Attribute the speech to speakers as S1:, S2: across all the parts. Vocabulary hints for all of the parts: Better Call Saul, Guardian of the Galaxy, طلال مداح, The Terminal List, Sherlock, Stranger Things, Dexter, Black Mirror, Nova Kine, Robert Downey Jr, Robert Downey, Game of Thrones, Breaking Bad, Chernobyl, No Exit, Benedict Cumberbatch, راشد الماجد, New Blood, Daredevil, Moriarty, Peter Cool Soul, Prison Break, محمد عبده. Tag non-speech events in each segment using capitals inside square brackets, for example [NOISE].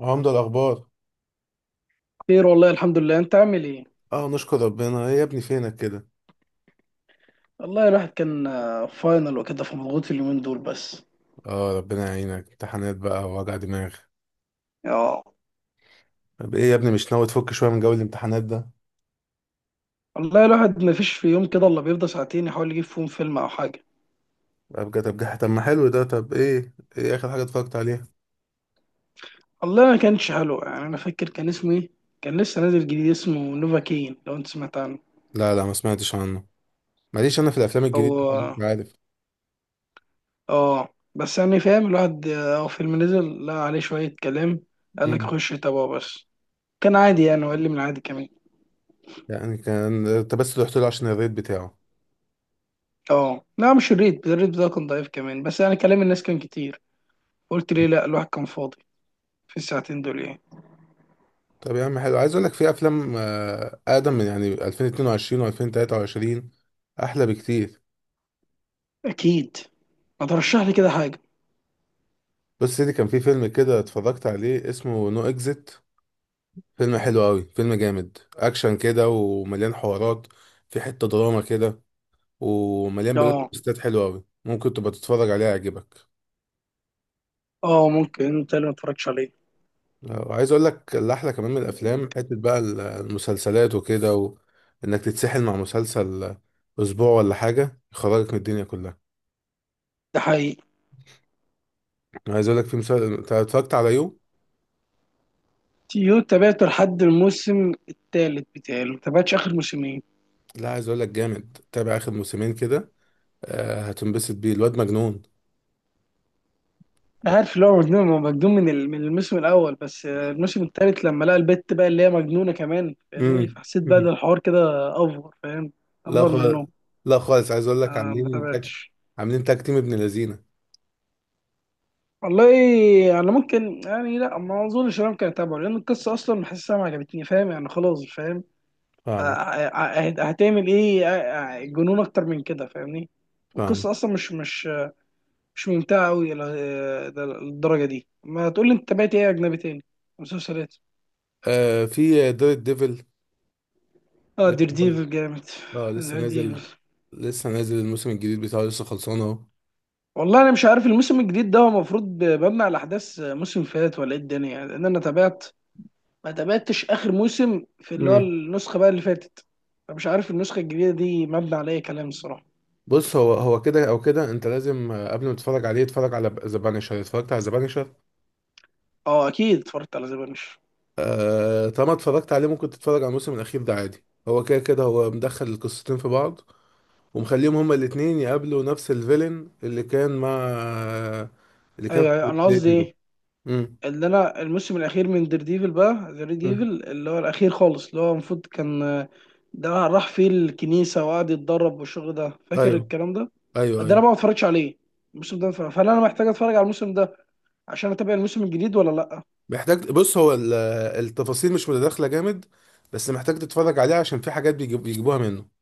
S1: اه، عمدة الأخبار.
S2: خير والله، الحمد لله، انت عامل ايه؟
S1: اه، نشكر ربنا. ايه يا ابني، فينك كده؟
S2: والله الواحد كان فاينل وكده، فمضغوط اليومين دول بس.
S1: اه، ربنا يعينك، امتحانات بقى ووجع دماغ.
S2: اه.
S1: طب ايه يا ابني، مش ناوي تفك شوية من جو الامتحانات ده؟
S2: والله الواحد ما فيش في يوم كده الا بيفضى ساعتين يحاول يجيب فيهم فيلم او حاجه.
S1: طب، ما حلو ده. طب ايه آخر حاجة اتفرجت عليها؟
S2: والله ما كانش حلو يعني، انا فاكر كان اسمه ايه. كان لسه نازل جديد، اسمه نوفا كين، لو انت سمعت عنه.
S1: لا، لا، ما سمعتش عنه. ماليش أنا في الأفلام الجديدة، مش
S2: هو.
S1: عارف.
S2: اه بس يعني فاهم، الواحد هو فيلم نزل لا عليه شويه كلام، قال لك
S1: امم.
S2: خش تابعه بس. كان عادي يعني، وقال من العادي كمان.
S1: يعني كان انت بس رحت له عشان الريت بتاعه؟
S2: اه لا، مش الريت بتاعه كان ضعيف كمان، بس يعني كلام الناس كان كتير. قلت ليه لا، الواحد كان فاضي في الساعتين دول يعني.
S1: طب يا عم حلو، عايز أقول لك في أفلام أقدم من يعني 2022 و2023، أحلى بكتير.
S2: اكيد. ما ترشح لي كده حاجه.
S1: بص سيدي، كان في فيلم كده اتفرجت عليه، اسمه نو اكزيت. فيلم حلو قوي، فيلم جامد اكشن كده ومليان حوارات. في حتة دراما كده. ومليان بلوت
S2: اه
S1: تويستات حلوة قوي، ممكن تبقى تتفرج عليها، يعجبك.
S2: اه، ممكن انت اللي ما اتفرجتش عليه.
S1: وعايز اقول لك اللي احلى كمان من الافلام حتة بقى المسلسلات وكده، وانك تتسحل مع مسلسل اسبوع ولا حاجة، يخرجك من الدنيا كلها.
S2: ده حقيقي.
S1: عايز اقول لك في مسلسل، أنت اتفرجت على يو؟
S2: يو تابعته لحد الموسم الثالث بتاعي، ما تابعتش اخر موسمين.
S1: لا، عايز اقول لك جامد، تابع اخر موسمين كده. هتنبسط بيه، الواد مجنون.
S2: عارف اللي هو مجنون، هو مجنون من الموسم الاول، بس الموسم الثالث لما لقى البت بقى اللي هي مجنونه كمان، فاهمني، فحسيت بقى ان
S1: امم.
S2: الحوار كده افور فاهم.
S1: لا
S2: افور
S1: خالص.
S2: منه.
S1: لا خالص، عايز اقول لك
S2: آه ما
S1: عاملين تاك.
S2: تابعتش.
S1: عاملين تاك، تيم ابن لذينه.
S2: والله انا ممكن يعني، لا ما اظنش إن انا ممكن اتابعه، لان القصه اصلا حاسسها ما عجبتني، فاهم يعني، خلاص فاهم. آه،
S1: فاهمه.
S2: آه، هتعمل ايه جنون اكتر من كده، فاهمني.
S1: فاهمه.
S2: القصه اصلا مش ممتعه قوي للدرجه دي. ما تقول لي انت تابعت ايه اجنبي تاني، مسلسلات.
S1: آه، في دار الديفل.
S2: اه
S1: لسه
S2: دير
S1: برضه-
S2: ديفل جامد.
S1: اه، لسه
S2: دير
S1: نازل.
S2: ديفل،
S1: لسه نازل الموسم الجديد بتاعه، لسه خلصان اهو.
S2: والله انا مش عارف الموسم الجديد ده هو المفروض مبني على احداث موسم فات ولا ايه الدنيا، لان انا تابعت، ما تابعتش اخر موسم، في اللي هو
S1: امم.
S2: النسخه بقى اللي فاتت، فمش عارف النسخه الجديده دي مبني على اي كلام الصراحه.
S1: بص، هو كده او كده انت لازم قبل ما تتفرج عليه اتفرج على ذا بانشر. اتفرجت على ذا بانشر؟
S2: اه اكيد اتفرجت على ذا بانش.
S1: آه، طالما اتفرجت عليه ممكن تتفرج على الموسم الأخير ده عادي، هو كده كده هو مدخل القصتين في بعض. ومخليهم هما الاتنين يقابلوا نفس الفيلن اللي كان مع اللي كان
S2: ايوه
S1: في
S2: ايوه، انا قصدي
S1: ديفيد.
S2: ايه،
S1: امم.
S2: اللي انا الموسم الاخير من دير ديفل، بقى دير ديفل
S1: امم.
S2: اللي هو الاخير خالص، اللي هو المفروض كان. ده راح فيه الكنيسه وقعد يتدرب والشغل ده، فاكر
S1: ايوه،
S2: الكلام ده.
S1: ايوه،
S2: ده انا
S1: ايوه،
S2: بقى ما اتفرجش عليه الموسم ده. فهل انا محتاج اتفرج على الموسم ده عشان اتابع الموسم الجديد ولا لا؟
S1: محتاج. بص، هو التفاصيل مش متداخلة جامد. بس محتاج تتفرج عليه عشان في حاجات بيجيبوها منه.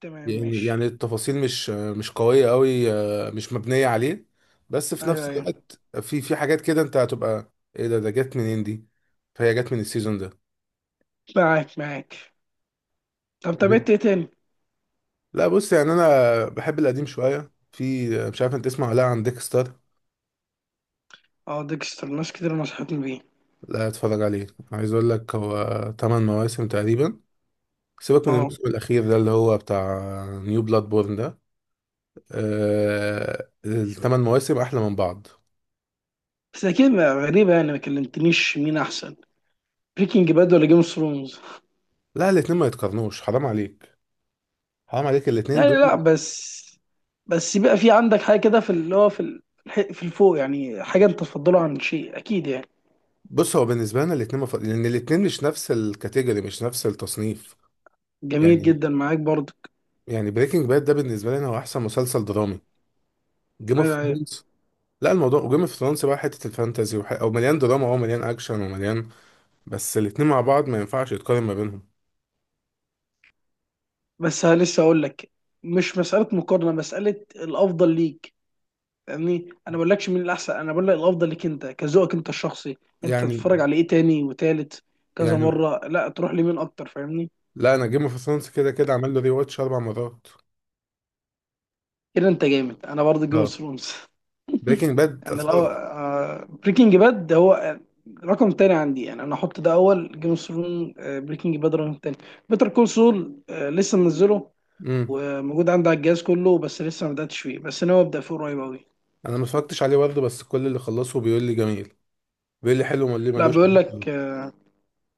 S2: تمام
S1: يعني
S2: ماشي.
S1: يعني التفاصيل مش قوية قوي، مش مبنية عليه. بس في
S2: ايوه
S1: نفس
S2: ايوه
S1: الوقت في حاجات كده، انت هتبقى ايه، ده جت منين دي؟ فهي جت من السيزون ده.
S2: معاك معاك. طب تابعت ايه تاني؟
S1: لا بص، يعني انا بحب القديم شوية، في مش عارف انت تسمع ولا لا عن ديكستر.
S2: اه ديكستر، ناس كتير نصحتني بيه.
S1: لا، اتفرج عليه. عايز اقول لك، هو 8 مواسم تقريبا. سيبك من
S2: اه
S1: الموسم الاخير ده اللي هو بتاع نيو بلاد بورن ده. آه، الثمان مواسم احلى من بعض.
S2: بس اكيد غريبه يعني، ما كلمتنيش مين احسن، بريكنج باد ولا جيم اوف ثرونز.
S1: لا، الاتنين ما يتقارنوش، حرام عليك. حرام عليك، الاتنين
S2: يعني لا
S1: دول.
S2: بس، بس يبقى في عندك حاجه كده، في اللي هو في الفوق يعني، حاجه انت تفضلها عن شيء اكيد يعني.
S1: بص، هو بالنسبه لنا الاثنين لان الاثنين مش نفس الكاتيجوري، مش نفس التصنيف.
S2: جميل
S1: يعني.
S2: جدا معاك برضك.
S1: يعني بريكنج باد ده بالنسبه لنا هو احسن مسلسل درامي. جيم اوف
S2: ايوه ايوه.
S1: ثرونز. لا، الموضوع جيم اوف ثرونز بقى حته الفانتازي او مليان دراما او مليان اكشن ومليان. بس الاثنين مع بعض ما ينفعش يتقارن ما بينهم.
S2: بس ها، لسه اقول لك، مش مساله مقارنه، مساله الافضل ليك. يعني انا ما بقولكش مين الاحسن، انا بقول لك الافضل ليك انت، كذوقك انت الشخصي، انت
S1: يعني.
S2: تتفرج على ايه تاني وتالت كذا
S1: يعني
S2: مره، لا تروح لمين اكتر، فاهمني.
S1: لا، انا جيم اوف ثرونز كده كده عمل له ري واتش اربع مرات.
S2: كده انت جامد، انا برضه جيم اوف
S1: اه.
S2: ثرونز.
S1: بريكنج باد
S2: يعني
S1: اتفرج.
S2: لو، بريكنج باد هو، رقم تاني عندي، يعني انا احط ده اول جيم اوف ثرون، بريكنج باد رقم تاني. بيتر كول سول لسه منزله
S1: امم.
S2: وموجود عندي على الجهاز كله، بس لسه ما بداتش فيه، بس انا ابدا فيه قريب قوي.
S1: انا ما اتفرجتش عليه برضه، بس كل اللي خلصه بيقول لي جميل. بيقول لي حلو، وما ليه
S2: لا
S1: ملوش
S2: بيقول لك
S1: علاقة.
S2: آه،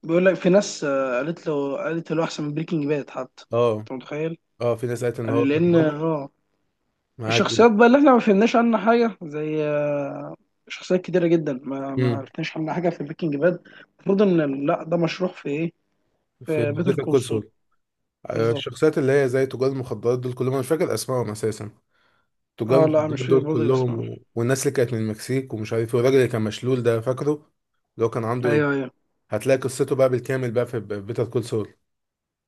S2: بيقول لك في ناس قالت له احسن من بريكنج باد حتى،
S1: اه،
S2: انت متخيل.
S1: اه، في ناس قالت ان
S2: يعني
S1: هو
S2: لان
S1: كدراما. معاك.
S2: الشخصيات بقى اللي احنا ما فهمناش عنها حاجه زي، شخصيات كتيره جدا ما
S1: امم.
S2: عرفناش عنها حاجه في بريكنج باد. المفروض ان لا ده مشروح في ايه،
S1: في
S2: في بيتر
S1: بيتر
S2: كول
S1: كول
S2: سول.
S1: سول.
S2: بالظبط.
S1: الشخصيات اللي هي زي تجار المخدرات دول كلهم، انا مش فاكر اسمائهم اساسا. تجار
S2: اه لا، مش
S1: المخدرات
S2: في
S1: دول
S2: برضه
S1: كلهم
S2: اسمه.
S1: والناس اللي كانت من المكسيك، ومش عارف ايه، والراجل اللي كان مشلول ده فاكره؟ اللي هو كان عنده.
S2: ايوه ايوه،
S1: هتلاقي قصته بقى بالكامل بقى في بيتر كول سول.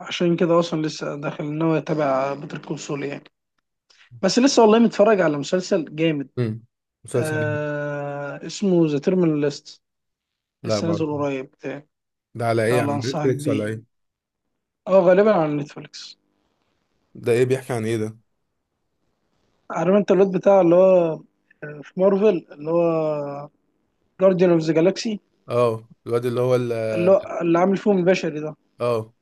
S2: عشان كده اصلا لسه داخل ان هو يتابع بيتر كول سول يعني، بس لسه والله متفرج على مسلسل جامد.
S1: امم. مسلسل ايه؟
S2: اسمه ذا تيرمينال ليست،
S1: لا،
S2: لسه
S1: ما
S2: نازل
S1: أعرف.
S2: قريب بتاعي.
S1: ده على ايه،
S2: لا
S1: على
S2: لا، انصحك
S1: نتفليكس ولا
S2: بيه.
S1: ايه؟
S2: اه غالبا على نتفليكس.
S1: ده ايه بيحكي عن ايه ده؟
S2: عارف انت الواد بتاع اللي هو، في مارفل، اللي هو جارديان اوف ذا جالاكسي،
S1: اه، الواد اللي هو
S2: اللي هو اللي عامل فيهم البشري ده.
S1: اه.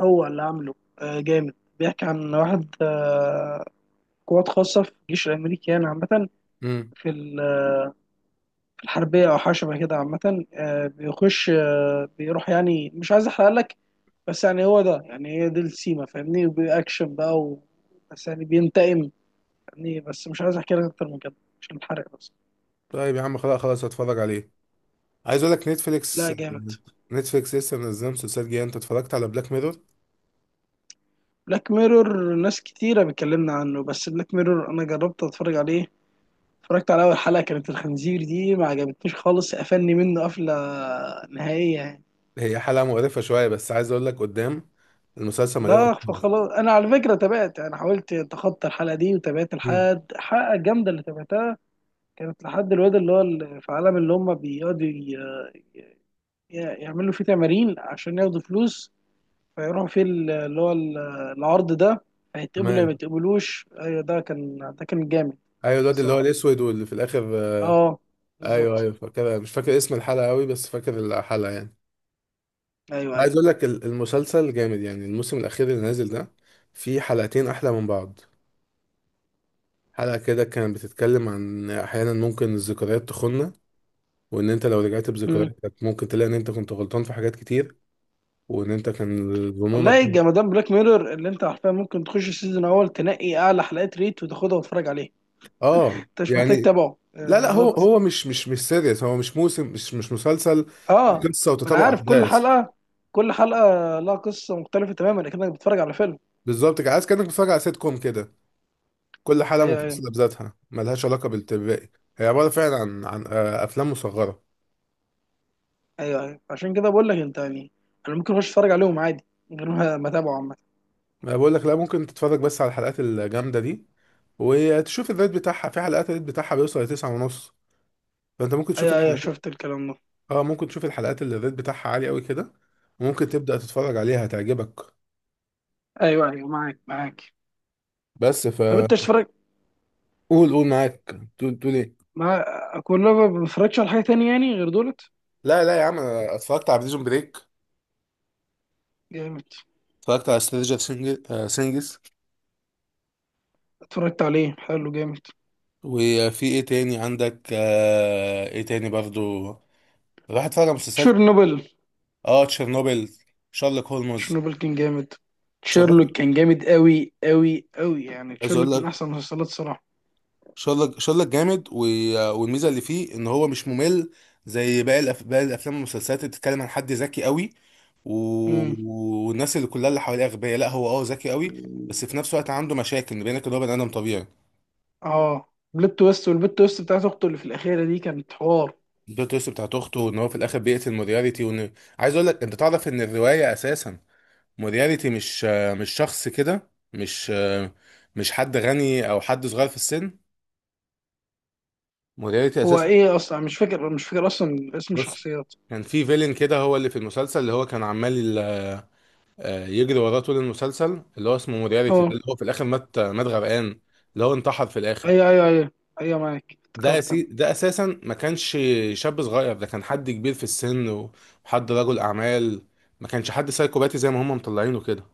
S2: هو اللي عامله جامد، بيحكي عن واحد، قوات خاصة في الجيش الأمريكي يعني، عامة
S1: امم.
S2: في الحربية أو حاجة شبه كده عامة، بيخش بيروح يعني، مش عايز أحرق لك. بس يعني هو ده، يعني هي دي السيما فاهمني، وبأكشن بقى بس يعني بينتقم يعني، بس مش عايز أحكي لك أكتر من كده عشان الحرق بس.
S1: طيب يا عم، خلاص، خلاص، هتفرج عليه. عايز اقول لك
S2: لا
S1: نتفليكس.
S2: جامد.
S1: نتفليكس لسه منزلهم مسلسلات جديده، انت اتفرجت على بلاك ميرور؟
S2: بلاك ميرور، ناس كتيرة بتكلمنا عنه، بس بلاك ميرور أنا جربت أتفرج عليه، اتفرجت على أول حلقة كانت الخنزير دي، ما عجبتنيش خالص، قفلني منه قفلة نهائية.
S1: هي حلقة مقرفة شوية، بس عايز أقول لك قدام المسلسل مليان
S2: لا
S1: أفكار.
S2: فخلاص، انا على فكره تابعت، انا حاولت اتخطى الحلقه دي وتابعت
S1: مم.
S2: لحد الحلقه الجامده اللي تابعتها، كانت لحد الواد اللي هو في عالم اللي هم بيقعدوا يعملوا فيه تمارين عشان ياخدوا فلوس، فيروحوا فيه العرض ده، هيتقبلوا يا ما
S1: تمام.
S2: يتقبلوش. ايوه، ده كان جامد.
S1: أيوة، الواد اللي هو
S2: الصراحه
S1: الأسود واللي في الآخر
S2: اه
S1: أيوة،
S2: بالظبط.
S1: أيوة، فاكرها، مش فاكر اسم الحلقة أوي بس فاكر الحلقة يعني.
S2: ايوه
S1: عايز
S2: ايوه.
S1: أقول لك المسلسل جامد، يعني الموسم الأخير اللي نازل ده فيه حلقتين أحلى من بعض. حلقة كده كانت بتتكلم عن أحيانا ممكن الذكريات تخوننا. وإن أنت لو رجعت
S2: مم.
S1: بذكريات كانت، ممكن تلاقي إن أنت كنت غلطان في حاجات كتير. وإن أنت كان ظنونك.
S2: والله جمدان بلاك ميرور، اللي انت عارفها، ممكن تخش السيزون الاول تنقي اعلى حلقات ريت وتاخدها وتتفرج عليها.
S1: آه،
S2: انت مش محتاج
S1: يعني.
S2: تتابعه
S1: لا،
S2: آه،
S1: لا، هو
S2: بالظبط.
S1: هو مش سيريس، هو مش موسم، مش مسلسل.
S2: اه.
S1: دي قصه
S2: ما انا
S1: وتتابع
S2: عارف كل
S1: احداث.
S2: حلقه كل حلقه لها قصه مختلفه تماما، اكنك بتتفرج على فيلم.
S1: بالظبط كده، عايز كانك بتتفرج على سيت كوم كده. كل حلقه
S2: ايوه ايوه
S1: منفصله بذاتها، ملهاش علاقه بالباقي. هي عباره فعلا عن افلام مصغره.
S2: ايوه ايوه. عشان كده بقول لك انت يعني، انا ممكن اخش اتفرج عليهم عادي من غير ما [LAUGHS] ما اتابعه عامه.
S1: أنا بقول لك لا، ممكن تتفرج بس على الحلقات الجامده دي وتشوف الريت بتاعها، في حلقات الريت بتاعها بيوصل لتسعة ونص. فانت ممكن تشوف
S2: ايوه ايوه،
S1: الحلقات.
S2: شفت الكلام ده.
S1: اه، ممكن تشوف الحلقات اللي الريت بتاعها عالي قوي كده، وممكن تبدا تتفرج عليها، هتعجبك.
S2: ايوه ايوه معاك معاك.
S1: بس
S2: طب
S1: فقول.
S2: انت اشترك
S1: قول، قول، معاك. تقول إيه؟
S2: مع، اكون لو ما بتفرجش على حاجه تانية يعني غير دولت.
S1: لا، لا، يا عم، انا اتفرجت على بريزون بريك.
S2: جامد.
S1: اتفرجت على سترينجر سينجز.
S2: اتفرجت عليه حلو جامد.
S1: وفي ايه تاني عندك ايه تاني برضو، راح اتفرج على مسلسلات.
S2: شيرنوبل.
S1: اه، تشيرنوبل. شارلوك هولمز.
S2: شيرنوبل كان جامد.
S1: شارلوك.
S2: شيرلوك كان جامد قوي قوي قوي، يعني
S1: عايز اقول
S2: شيرلوك من
S1: لك
S2: احسن المسلسلات الصراحه.
S1: شارلوك، شارلوك جامد والميزه اللي فيه ان هو مش ممل زي باقي باقي الافلام والمسلسلات اللي بتتكلم عن حد ذكي قوي و... والناس اللي كلها اللي حواليه اغبياء، لا هو اه ذكي قوي.
S2: امم.
S1: بس في نفس الوقت عنده مشاكل، بينك ان هو بني ادم طبيعي.
S2: اه. بلوت تويست، والبلوت تويست بتاعت اخته اللي في الاخيره دي كانت حوار.
S1: البلوت تويست بتاعت اخته، وان هو في الاخر بيقتل مورياليتي، وان عايز اقول لك، انت تعرف ان الروايه اساسا مورياليتي مش مش شخص كده، مش حد غني او حد صغير في السن. مورياليتي
S2: هو
S1: اساسا
S2: ايه اصلا، مش فاكر اصلا اسم
S1: بص،
S2: الشخصيات.
S1: كان في فيلن كده هو اللي في المسلسل اللي هو كان عمال يجري وراه طول المسلسل اللي هو اسمه مورياليتي ده،
S2: اه.
S1: اللي هو في الاخر مات مات غرقان. اللي هو انتحر في الاخر.
S2: ايوه ايوه ايوه ايوه، معاك افتكرت انا.
S1: ده اساسا ما كانش شاب صغير، ده كان حد كبير في السن وحد رجل اعمال، ما كانش حد سايكوباتي زي ما هم مطلعينه كده.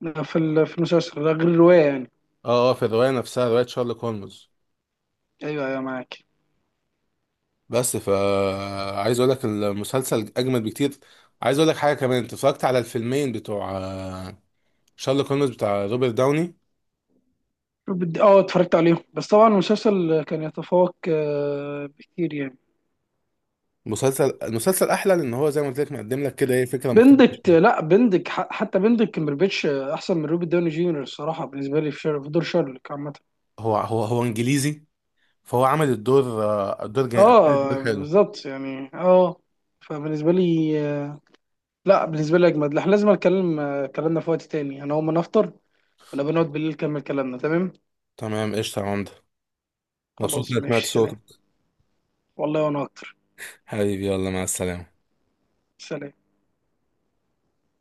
S2: لا، في المسلسل ده غير الروايه يعني.
S1: اه، اه، في الروايه نفسها، روايه شارلوك هولمز.
S2: ايوه ايوه معاك.
S1: بس ف عايز اقول لك المسلسل اجمد بكتير. عايز اقول لك حاجه كمان، انت اتفرجت على الفيلمين بتوع شارلوك هولمز بتاع روبرت داوني؟
S2: اه اتفرجت عليهم، بس طبعا المسلسل كان يتفوق، بكتير يعني.
S1: المسلسل احلى لان هو زي ما قلت لك مقدم لك كده ايه، فكره مختلفه.
S2: بندك لا بندك ح- حتى بندك كمبربيتش، احسن من روبي داوني جونيور الصراحه، بالنسبه لي في دور شارلوك عامه.
S1: هو انجليزي. فهو عمل الدور الدور جامد، عمل
S2: اه
S1: الدور حلو.
S2: بالظبط يعني فبالنسبه لي، لا بالنسبه لي اجمد. احنا لازم نتكلم، كلامنا في وقت تاني، انا اول ما نفطر ونبقى نقعد بالليل نكمل كلامنا، تمام.
S1: تمام، قشطه يا عمده. مبسوط
S2: خلاص
S1: انك سمعت
S2: ماشي سلام.
S1: صوتك.
S2: والله وانا اكتر.
S1: حبيبي، يلا، مع السلامة.
S2: سلام.